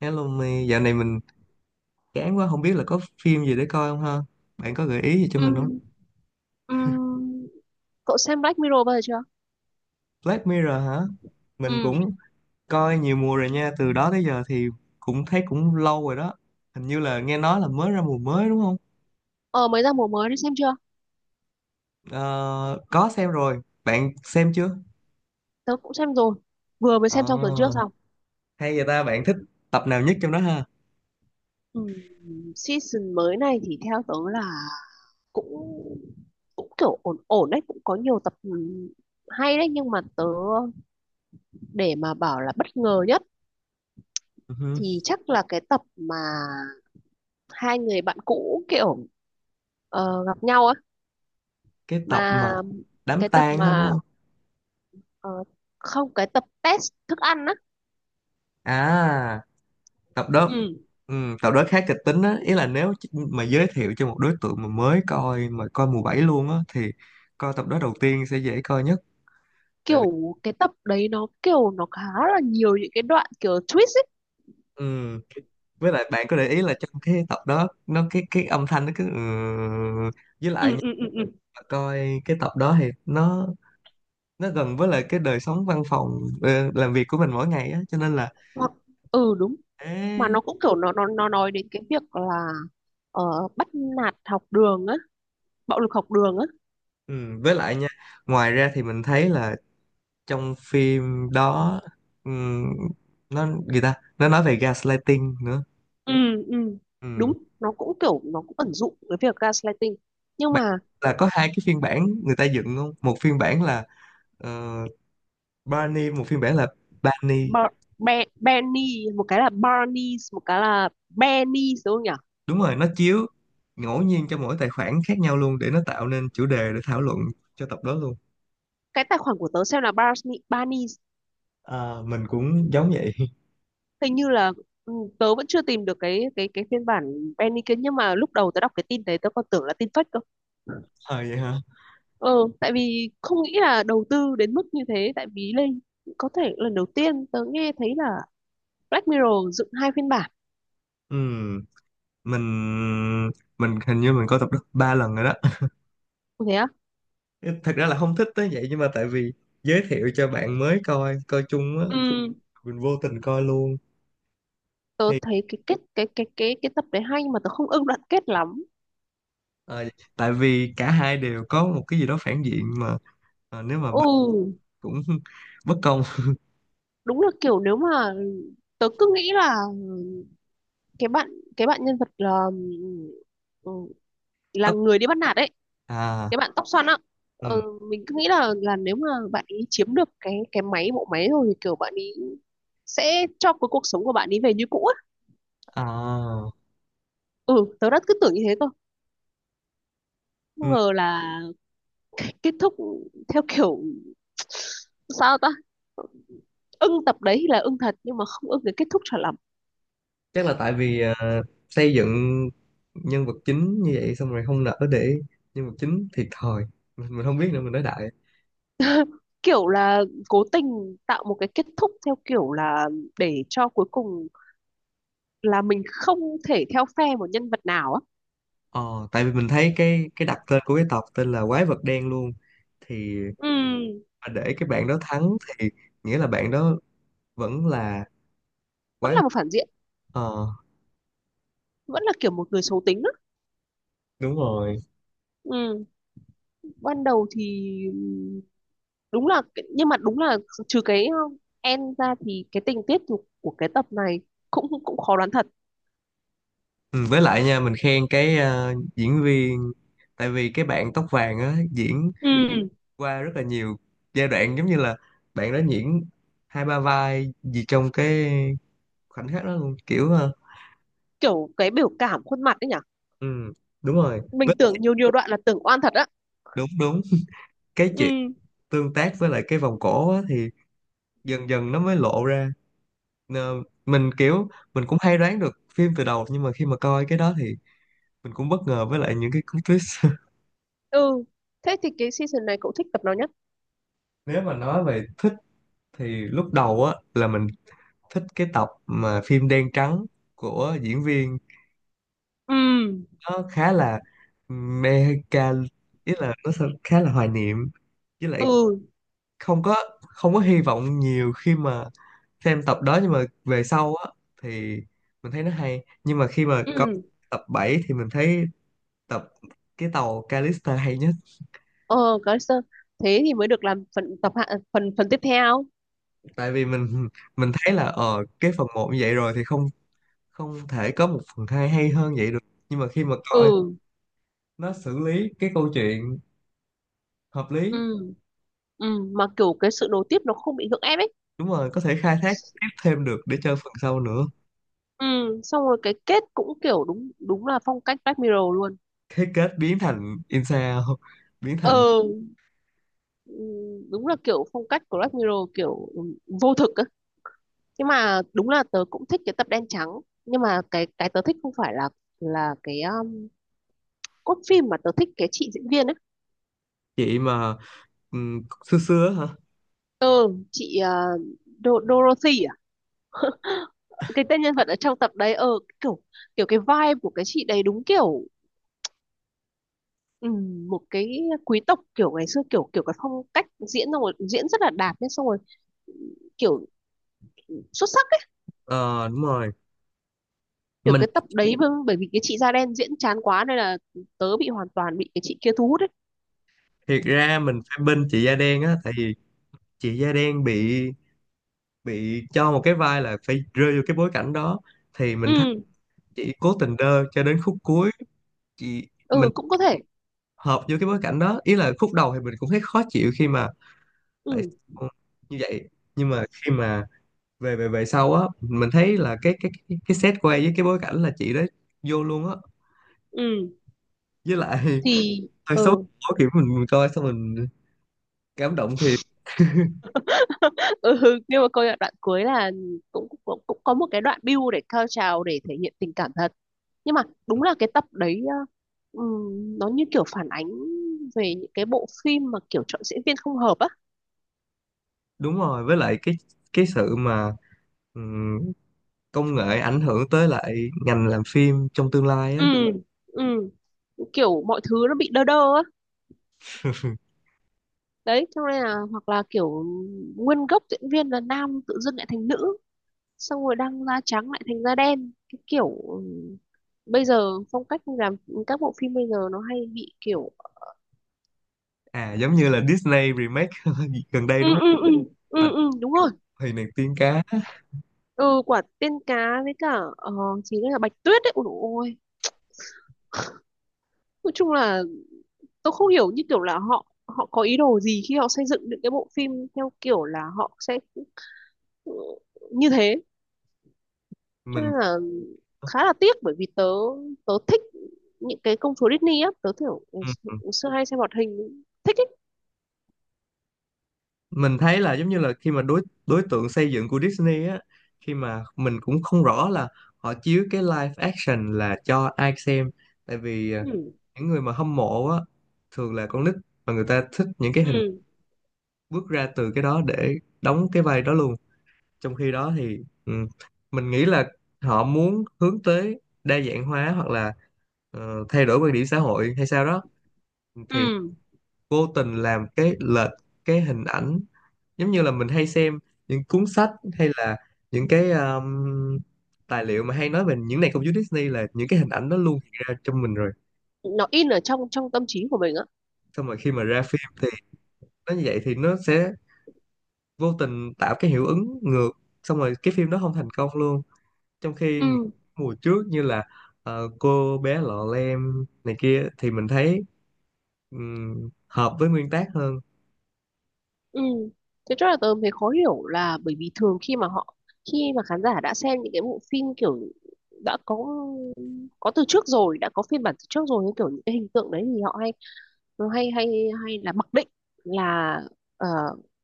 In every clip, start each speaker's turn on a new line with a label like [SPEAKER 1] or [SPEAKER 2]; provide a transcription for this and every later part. [SPEAKER 1] Hello Mi, dạo này mình chán quá không biết là có phim gì để coi không ha? Bạn có gợi ý gì cho mình không?
[SPEAKER 2] Ừm, ừm, Cậu xem Black Mirror bao giờ chưa?
[SPEAKER 1] Black Mirror hả? Mình
[SPEAKER 2] Ừm,
[SPEAKER 1] cũng coi nhiều mùa rồi nha, từ đó tới giờ thì cũng thấy cũng lâu rồi đó. Hình như là nghe nói là mới ra mùa mới đúng không?
[SPEAKER 2] Ờ Mới ra mùa mới đi xem chưa?
[SPEAKER 1] Ờ, có xem rồi, bạn xem chưa?
[SPEAKER 2] Tớ cũng xem rồi. Vừa mới xem xong tuần trước
[SPEAKER 1] Ờ,
[SPEAKER 2] xong.
[SPEAKER 1] hay vậy ta, bạn thích tập nào nhất trong đó ha?
[SPEAKER 2] Ừm, Season mới này thì theo tớ là cũng cũng kiểu ổn ổn đấy, cũng có nhiều tập hay đấy, nhưng mà tớ, để mà bảo là bất ngờ nhất
[SPEAKER 1] Ừ hừ.
[SPEAKER 2] thì chắc là cái tập mà hai người bạn cũ kiểu gặp nhau á.
[SPEAKER 1] Cái tập mà
[SPEAKER 2] Mà
[SPEAKER 1] đám
[SPEAKER 2] cái tập
[SPEAKER 1] tang đó đúng
[SPEAKER 2] mà
[SPEAKER 1] không?
[SPEAKER 2] ờ, không, cái tập test thức ăn á.
[SPEAKER 1] À, tập đó
[SPEAKER 2] Ừ.
[SPEAKER 1] tập đó khá kịch tính á, ý là nếu mà giới thiệu cho một đối tượng mà mới coi mà coi mùa 7 luôn á thì coi tập đó đầu tiên sẽ dễ coi nhất. Tại vì
[SPEAKER 2] Kiểu cái tập đấy nó kiểu nó khá là nhiều những cái đoạn kiểu twist ấy.
[SPEAKER 1] ừm, với lại bạn có để ý là trong cái tập đó nó cái âm thanh nó cứ, với
[SPEAKER 2] Ừ,
[SPEAKER 1] lại nha,
[SPEAKER 2] ừ, ừ, ừ.
[SPEAKER 1] mà coi cái tập đó thì nó gần với lại cái đời sống văn phòng, làm việc của mình mỗi ngày á, cho nên là
[SPEAKER 2] hoặc ừ, đúng. Mà
[SPEAKER 1] ế,
[SPEAKER 2] nó cũng kiểu nó nói đến cái việc là bắt nạt học đường á, bạo lực học đường á.
[SPEAKER 1] với lại nha. Ngoài ra thì mình thấy là trong phim đó, ừm, nó người ta nó nói về gaslighting nữa.
[SPEAKER 2] Ừ, ừ, đúng.
[SPEAKER 1] Ừm,
[SPEAKER 2] Nó cũng kiểu nó cũng ẩn dụ cái việc gaslighting, nhưng
[SPEAKER 1] Bạn
[SPEAKER 2] mà
[SPEAKER 1] là có hai cái phiên bản người ta dựng không, một phiên bản là ờ, Barney, một phiên bản là Barney.
[SPEAKER 2] Bar Benny, một cái là Barney, một cái là Benny, đúng không nhỉ?
[SPEAKER 1] Đúng rồi, nó chiếu ngẫu nhiên cho mỗi tài khoản khác nhau luôn để nó tạo nên chủ đề để thảo luận cho tập đó luôn.
[SPEAKER 2] Cái tài khoản của tớ xem là Barney Barney,
[SPEAKER 1] À, mình cũng giống vậy.
[SPEAKER 2] hình như là. ừ, Tớ vẫn chưa tìm được cái phiên bản Penny kia, nhưng mà lúc đầu tớ đọc cái tin đấy tớ còn tưởng là tin fake cơ.
[SPEAKER 1] À, vậy hả.
[SPEAKER 2] Ờ. Tại vì không nghĩ là đầu tư đến mức như thế, tại vì lên, có thể lần đầu tiên tớ nghe thấy là Black Mirror dựng hai phiên bản.
[SPEAKER 1] Ừm, mình mình hình như mình coi tập đó 3 lần rồi đó.
[SPEAKER 2] Có thế á?
[SPEAKER 1] Thật ra là không thích tới vậy, nhưng mà tại vì giới thiệu cho bạn mới coi coi chung á,
[SPEAKER 2] Ừ,
[SPEAKER 1] mình vô tình coi luôn.
[SPEAKER 2] tớ
[SPEAKER 1] Thì,
[SPEAKER 2] thấy cái kết cái tập đấy hay mà tớ không ưng đoạn kết lắm.
[SPEAKER 1] ờ, tại vì cả hai đều có một cái gì đó phản diện mà, nếu mà bên
[SPEAKER 2] Ừ,
[SPEAKER 1] cũng bất công.
[SPEAKER 2] đúng là kiểu, nếu mà tớ cứ nghĩ là cái bạn cái bạn nhân vật là, ừ, là
[SPEAKER 1] tất
[SPEAKER 2] người đi bắt nạt ấy,
[SPEAKER 1] À,
[SPEAKER 2] cái bạn tóc xoăn á.
[SPEAKER 1] ừ,
[SPEAKER 2] ờ, mình cứ nghĩ là nếu mà bạn ấy chiếm được cái bộ máy rồi thì kiểu bạn ấy sẽ cho cái cuộc sống của bạn ấy về như cũ á.
[SPEAKER 1] à,
[SPEAKER 2] Ừ. Tớ đã cứ tưởng như thế cơ, không
[SPEAKER 1] ừ.
[SPEAKER 2] ngờ là kết thúc theo kiểu sao ta. Ưng tập đấy thì là ưng thật nhưng mà không ưng cái kết thúc cho lắm.
[SPEAKER 1] Chắc là tại vì, xây dựng nhân vật chính như vậy xong rồi không nỡ để nhân vật chính thiệt thòi. Mình không biết nữa, mình nói đại.
[SPEAKER 2] Kiểu là cố tình tạo một cái kết thúc theo kiểu là để cho cuối cùng là mình không thể theo phe một nhân vật nào á.
[SPEAKER 1] Ờ Tại vì mình thấy cái đặt tên của cái tộc tên là quái vật đen luôn, thì
[SPEAKER 2] Ừ,
[SPEAKER 1] mà để cái bạn đó thắng thì nghĩa là bạn đó vẫn là
[SPEAKER 2] vẫn
[SPEAKER 1] quái.
[SPEAKER 2] là một phản diện,
[SPEAKER 1] Ờ,
[SPEAKER 2] vẫn là kiểu một người xấu tính.
[SPEAKER 1] đúng rồi.
[SPEAKER 2] Ừ. Ban đầu thì nhưng mà đúng là, trừ cái end ra thì cái tình tiết của cái tập này cũng cũng khó đoán thật.
[SPEAKER 1] Ừ, với lại nha, mình khen cái, diễn viên. Tại vì cái bạn tóc vàng á, diễn
[SPEAKER 2] Ừ,
[SPEAKER 1] qua rất là nhiều giai đoạn, giống như là bạn đó diễn hai ba vai gì trong cái khoảnh khắc đó luôn, kiểu
[SPEAKER 2] kiểu cái biểu cảm khuôn mặt ấy nhỉ?
[SPEAKER 1] ừ, đúng rồi.
[SPEAKER 2] Mình tưởng nhiều nhiều đoạn là tưởng oan thật á.
[SPEAKER 1] Đúng đúng, cái chuyện
[SPEAKER 2] Ừ,
[SPEAKER 1] tương tác với lại cái vòng cổ á, thì dần dần nó mới lộ ra. Nờ, mình kiểu, mình cũng hay đoán được phim từ đầu, nhưng mà khi mà coi cái đó thì mình cũng bất ngờ với lại những cái cú twist.
[SPEAKER 2] ừ. Thế thì cái season này cậu thích tập nào nhất?
[SPEAKER 1] Nếu mà nói về thích thì lúc đầu á là mình thích cái tập mà phim đen trắng của diễn viên,
[SPEAKER 2] Ừ,
[SPEAKER 1] nó khá là mecha, ý là nó sẽ khá là hoài niệm với lại
[SPEAKER 2] ừ,
[SPEAKER 1] không có không có hy vọng nhiều khi mà xem tập đó. Nhưng mà về sau á thì mình thấy nó hay. Nhưng mà khi mà coi
[SPEAKER 2] ừ.
[SPEAKER 1] tập 7 thì mình thấy tập cái tàu Callisto hay nhất.
[SPEAKER 2] Ờ, có sơ. Thế thì mới được làm phần tập hạ, phần phần tiếp theo.
[SPEAKER 1] Tại vì mình thấy là, cái phần 1 như vậy rồi thì không không thể có một phần 2 hay hơn vậy được. Nhưng mà khi mà coi
[SPEAKER 2] Ừ,
[SPEAKER 1] nó xử lý cái câu chuyện hợp
[SPEAKER 2] ừ,
[SPEAKER 1] lý,
[SPEAKER 2] ừ. Ừ, mà kiểu cái sự nối tiếp nó không bị gượng ép ấy.
[SPEAKER 1] đúng rồi, có thể khai thác tiếp thêm được để chơi phần sau nữa.
[SPEAKER 2] Ừ, xong rồi cái kết cũng kiểu đúng, đúng là phong cách Black Mirror luôn.
[SPEAKER 1] Thế kết biến thành Insa, biến thành
[SPEAKER 2] Ờ. ừ, Đúng là kiểu phong cách của Black Mirror kiểu vô thực á, nhưng mà đúng là tớ cũng thích cái tập đen trắng. Nhưng mà cái tớ thích không phải là cái cốt phim, mà tớ thích cái chị diễn viên ấy.
[SPEAKER 1] chị mà, xưa xưa á hả.
[SPEAKER 2] Ừ, chị Dorothy à, cái tên nhân vật ở trong tập đấy. Ờ kiểu kiểu cái vibe của cái chị đấy, đúng kiểu, ừ, một cái quý tộc kiểu ngày xưa kiểu kiểu cái phong cách diễn, xong rồi diễn rất là đạt nhé, xong rồi kiểu xuất sắc ấy.
[SPEAKER 1] Ờ, đúng rồi.
[SPEAKER 2] Được
[SPEAKER 1] mình
[SPEAKER 2] cái tập đấy bởi bởi vì cái chị da đen diễn chán quá nên là tớ bị, hoàn toàn bị cái chị kia thu hút ấy.
[SPEAKER 1] Thiệt ra mình phải bên chị da đen á, tại vì chị da đen bị cho một cái vai là phải rơi vô cái bối cảnh đó, thì
[SPEAKER 2] Ừ,
[SPEAKER 1] mình thấy chị cố tình đơ cho đến khúc cuối. Chị
[SPEAKER 2] ừ,
[SPEAKER 1] mình
[SPEAKER 2] cũng có thể.
[SPEAKER 1] hợp vô cái bối cảnh đó, ý là khúc đầu thì mình cũng thấy khó chịu khi mà tại
[SPEAKER 2] Ừ,
[SPEAKER 1] sao như vậy. Nhưng mà khi mà về về về sau á, mình thấy là cái set quay với cái bối cảnh là chị đó vô luôn á.
[SPEAKER 2] ừ
[SPEAKER 1] Với lại
[SPEAKER 2] thì
[SPEAKER 1] hơi xấu
[SPEAKER 2] ừ.
[SPEAKER 1] hổ, kiểu mình coi xong mình cảm động thiệt.
[SPEAKER 2] Ừ, nhưng mà coi đoạn cuối là cũng cũng cũng có một cái đoạn build để cao trào để thể hiện tình cảm thật. Nhưng mà đúng là cái tập đấy nó như kiểu phản ánh về những cái bộ phim mà kiểu chọn diễn viên không hợp á.
[SPEAKER 1] Đúng rồi, với lại cái, sự mà, ừm, công nghệ ảnh hưởng tới lại ngành làm phim trong tương lai á.
[SPEAKER 2] Ừ, ừ, kiểu mọi thứ nó bị đơ đơ á, đấy cho nên là, hoặc là kiểu, nguyên gốc diễn viên là nam tự dưng lại thành nữ, xong rồi đang da trắng lại thành da đen. Cái kiểu bây giờ phong cách làm các bộ phim bây giờ nó hay bị kiểu.
[SPEAKER 1] À giống như là Disney remake gần đây
[SPEAKER 2] Ừ,
[SPEAKER 1] đúng không.
[SPEAKER 2] ừ, ừ,
[SPEAKER 1] Bạch
[SPEAKER 2] ừ, ừ, đúng rồi.
[SPEAKER 1] Huyền, nàng tiên cá.
[SPEAKER 2] Ừ, quả tiên cá, với cả chỉ là bạch tuyết đấy, ôi dồi ôi. Nói chung là tôi không hiểu như kiểu là họ họ có ý đồ gì khi họ xây dựng những cái bộ phim theo kiểu là họ sẽ, ừ, như thế. Cho
[SPEAKER 1] mình
[SPEAKER 2] nên là khá là tiếc bởi vì tớ tớ thích những cái công chúa Disney á, tớ kiểu ngày xưa hay xem hoạt hình thích ấy.
[SPEAKER 1] mình thấy là, giống như là, khi mà đối đối tượng xây dựng của Disney á, khi mà mình cũng không rõ là họ chiếu cái live action là cho ai xem. Tại vì à,
[SPEAKER 2] Ừ.
[SPEAKER 1] những người mà hâm mộ á, thường là con nít và người ta thích những cái hình
[SPEAKER 2] Ừ.
[SPEAKER 1] bước ra từ cái đó để đóng cái vai đó luôn. Trong khi đó thì, ừ, mình nghĩ là họ muốn hướng tới đa dạng hóa hoặc là, thay đổi quan điểm xã hội hay sao đó, thì
[SPEAKER 2] Ừ.
[SPEAKER 1] vô tình làm cái lệch cái hình ảnh. Giống như là mình hay xem những cuốn sách, hay là những cái, tài liệu mà hay nói về những nền công chúa Disney, là những cái hình ảnh đó luôn hiện ra trong mình rồi.
[SPEAKER 2] Nó in ở trong trong tâm trí của mình á.
[SPEAKER 1] Xong rồi khi mà ra phim thì nó như vậy thì nó sẽ vô tình tạo cái hiệu ứng ngược, xong rồi cái phim đó không thành công luôn. Trong khi
[SPEAKER 2] Ừ.
[SPEAKER 1] mùa trước như là, cô bé lọ lem này kia thì mình thấy, hợp với nguyên tác hơn.
[SPEAKER 2] Ừ. Thế cho là tớ thấy khó hiểu là bởi vì thường khi mà họ, khi mà khán giả đã xem những cái bộ phim kiểu, đã có từ trước rồi, đã có phiên bản từ trước rồi, như kiểu những cái hình tượng đấy, thì họ hay nó hay hay hay là mặc định là ờ,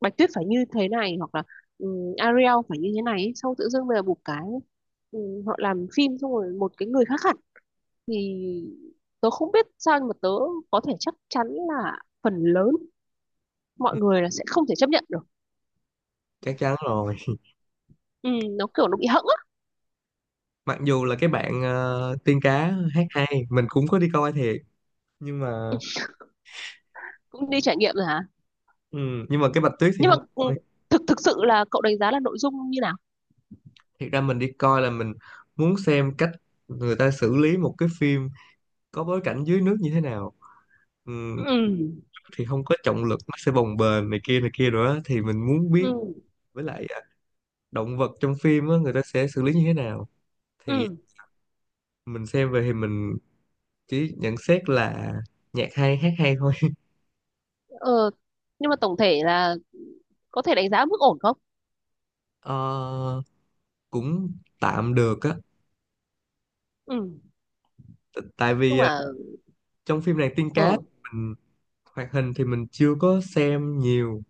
[SPEAKER 2] Bạch Tuyết phải như thế này, hoặc là Ariel phải như thế này ấy. Xong tự dưng bây giờ một cái họ làm phim xong rồi một cái người khác hẳn, thì tớ không biết sao, nhưng mà tớ có thể chắc chắn là phần lớn mọi người là sẽ không thể chấp nhận được.
[SPEAKER 1] Chắc chắn rồi.
[SPEAKER 2] Ừ, nó kiểu nó bị hẫng á.
[SPEAKER 1] Mặc dù là cái bạn, tiên cá hát hay, mình cũng có đi coi thiệt, nhưng mà
[SPEAKER 2] Cũng đi trải nghiệm rồi hả?
[SPEAKER 1] ừ, nhưng mà cái Bạch Tuyết thì
[SPEAKER 2] Nhưng mà
[SPEAKER 1] không thôi.
[SPEAKER 2] thực thực sự là cậu đánh giá là nội dung như nào?
[SPEAKER 1] Thiệt ra mình đi coi là mình muốn xem cách người ta xử lý một cái phim có bối cảnh dưới nước như thế nào. Ừ,
[SPEAKER 2] Ừ,
[SPEAKER 1] thì không có trọng lực, nó sẽ bồng bềnh này kia nữa thì mình muốn biết.
[SPEAKER 2] ừ,
[SPEAKER 1] Với lại à, động vật trong phim á, người ta sẽ xử lý như thế nào thì
[SPEAKER 2] ừ.
[SPEAKER 1] mình xem về thì chỉ nhận xét là nhạc hay, hát hay thôi.
[SPEAKER 2] Ờ, nhưng mà tổng thể là có thể đánh giá mức ổn không?
[SPEAKER 1] Ờ, cũng tạm được á.
[SPEAKER 2] Ừ,
[SPEAKER 1] Tại vì
[SPEAKER 2] chung
[SPEAKER 1] à,
[SPEAKER 2] là.
[SPEAKER 1] trong phim này tiên
[SPEAKER 2] Ờ.
[SPEAKER 1] cá mình hoạt hình thì mình chưa có xem nhiều,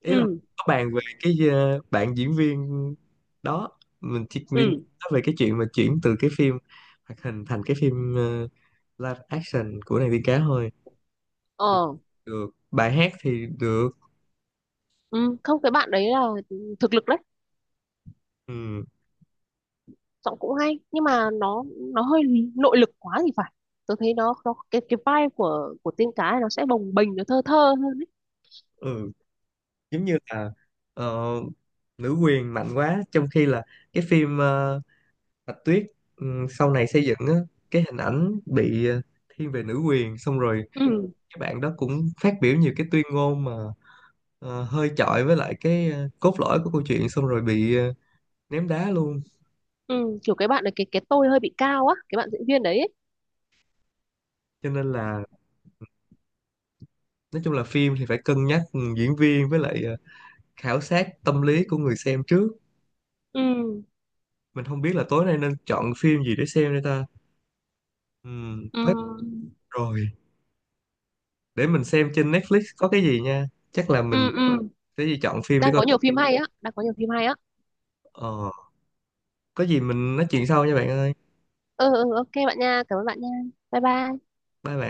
[SPEAKER 1] ý là
[SPEAKER 2] Ừ,
[SPEAKER 1] có bàn về cái, bạn diễn viên đó, mình chỉ viên
[SPEAKER 2] ừ.
[SPEAKER 1] nói về cái chuyện mà chuyển từ cái phim hoạt hình thành cái phim, live action của nàng tiên cá thôi. Thì
[SPEAKER 2] Ờ.
[SPEAKER 1] được, bài hát thì được.
[SPEAKER 2] Ừ. Không, cái bạn đấy là thực lực đấy.
[SPEAKER 1] Ừ,
[SPEAKER 2] Giọng cũng hay, nhưng mà nó hơi nội lực quá thì phải. Tôi thấy nó cái vibe của tiên cá ấy, nó sẽ bồng bềnh, nó thơ thơ hơn ấy.
[SPEAKER 1] ừ. Giống như là, ờ, nữ quyền mạnh quá, trong khi là cái phim, Bạch Tuyết, ừ, sau này xây dựng á, cái hình ảnh bị, thiên về nữ quyền. Xong rồi
[SPEAKER 2] Ừ,
[SPEAKER 1] cái bạn đó cũng phát biểu nhiều cái tuyên ngôn mà, hơi chọi với lại cái, cốt lõi của câu chuyện, xong rồi bị, ném đá luôn.
[SPEAKER 2] ừ, kiểu cái bạn này, cái tôi hơi bị cao á, cái bạn diễn viên đấy ấy.
[SPEAKER 1] Cho nên là nói chung là phim thì phải cân nhắc, ừ, diễn viên với lại, khảo sát tâm lý của người xem trước.
[SPEAKER 2] Ừ,
[SPEAKER 1] Mình không biết là tối nay nên chọn phim gì để xem đây ta. Black
[SPEAKER 2] ừ,
[SPEAKER 1] rồi, để mình xem trên Netflix có cái gì nha. Chắc là mình
[SPEAKER 2] ừ, ừ.
[SPEAKER 1] sẽ đi chọn phim để
[SPEAKER 2] Đang
[SPEAKER 1] coi.
[SPEAKER 2] có nhiều phim hay á, đang có nhiều phim hay á.
[SPEAKER 1] ờ, có gì mình nói chuyện sau nha bạn ơi,
[SPEAKER 2] Ừ, ừ, ok bạn nha, cảm ơn bạn nha, bye bye.
[SPEAKER 1] bye bạn.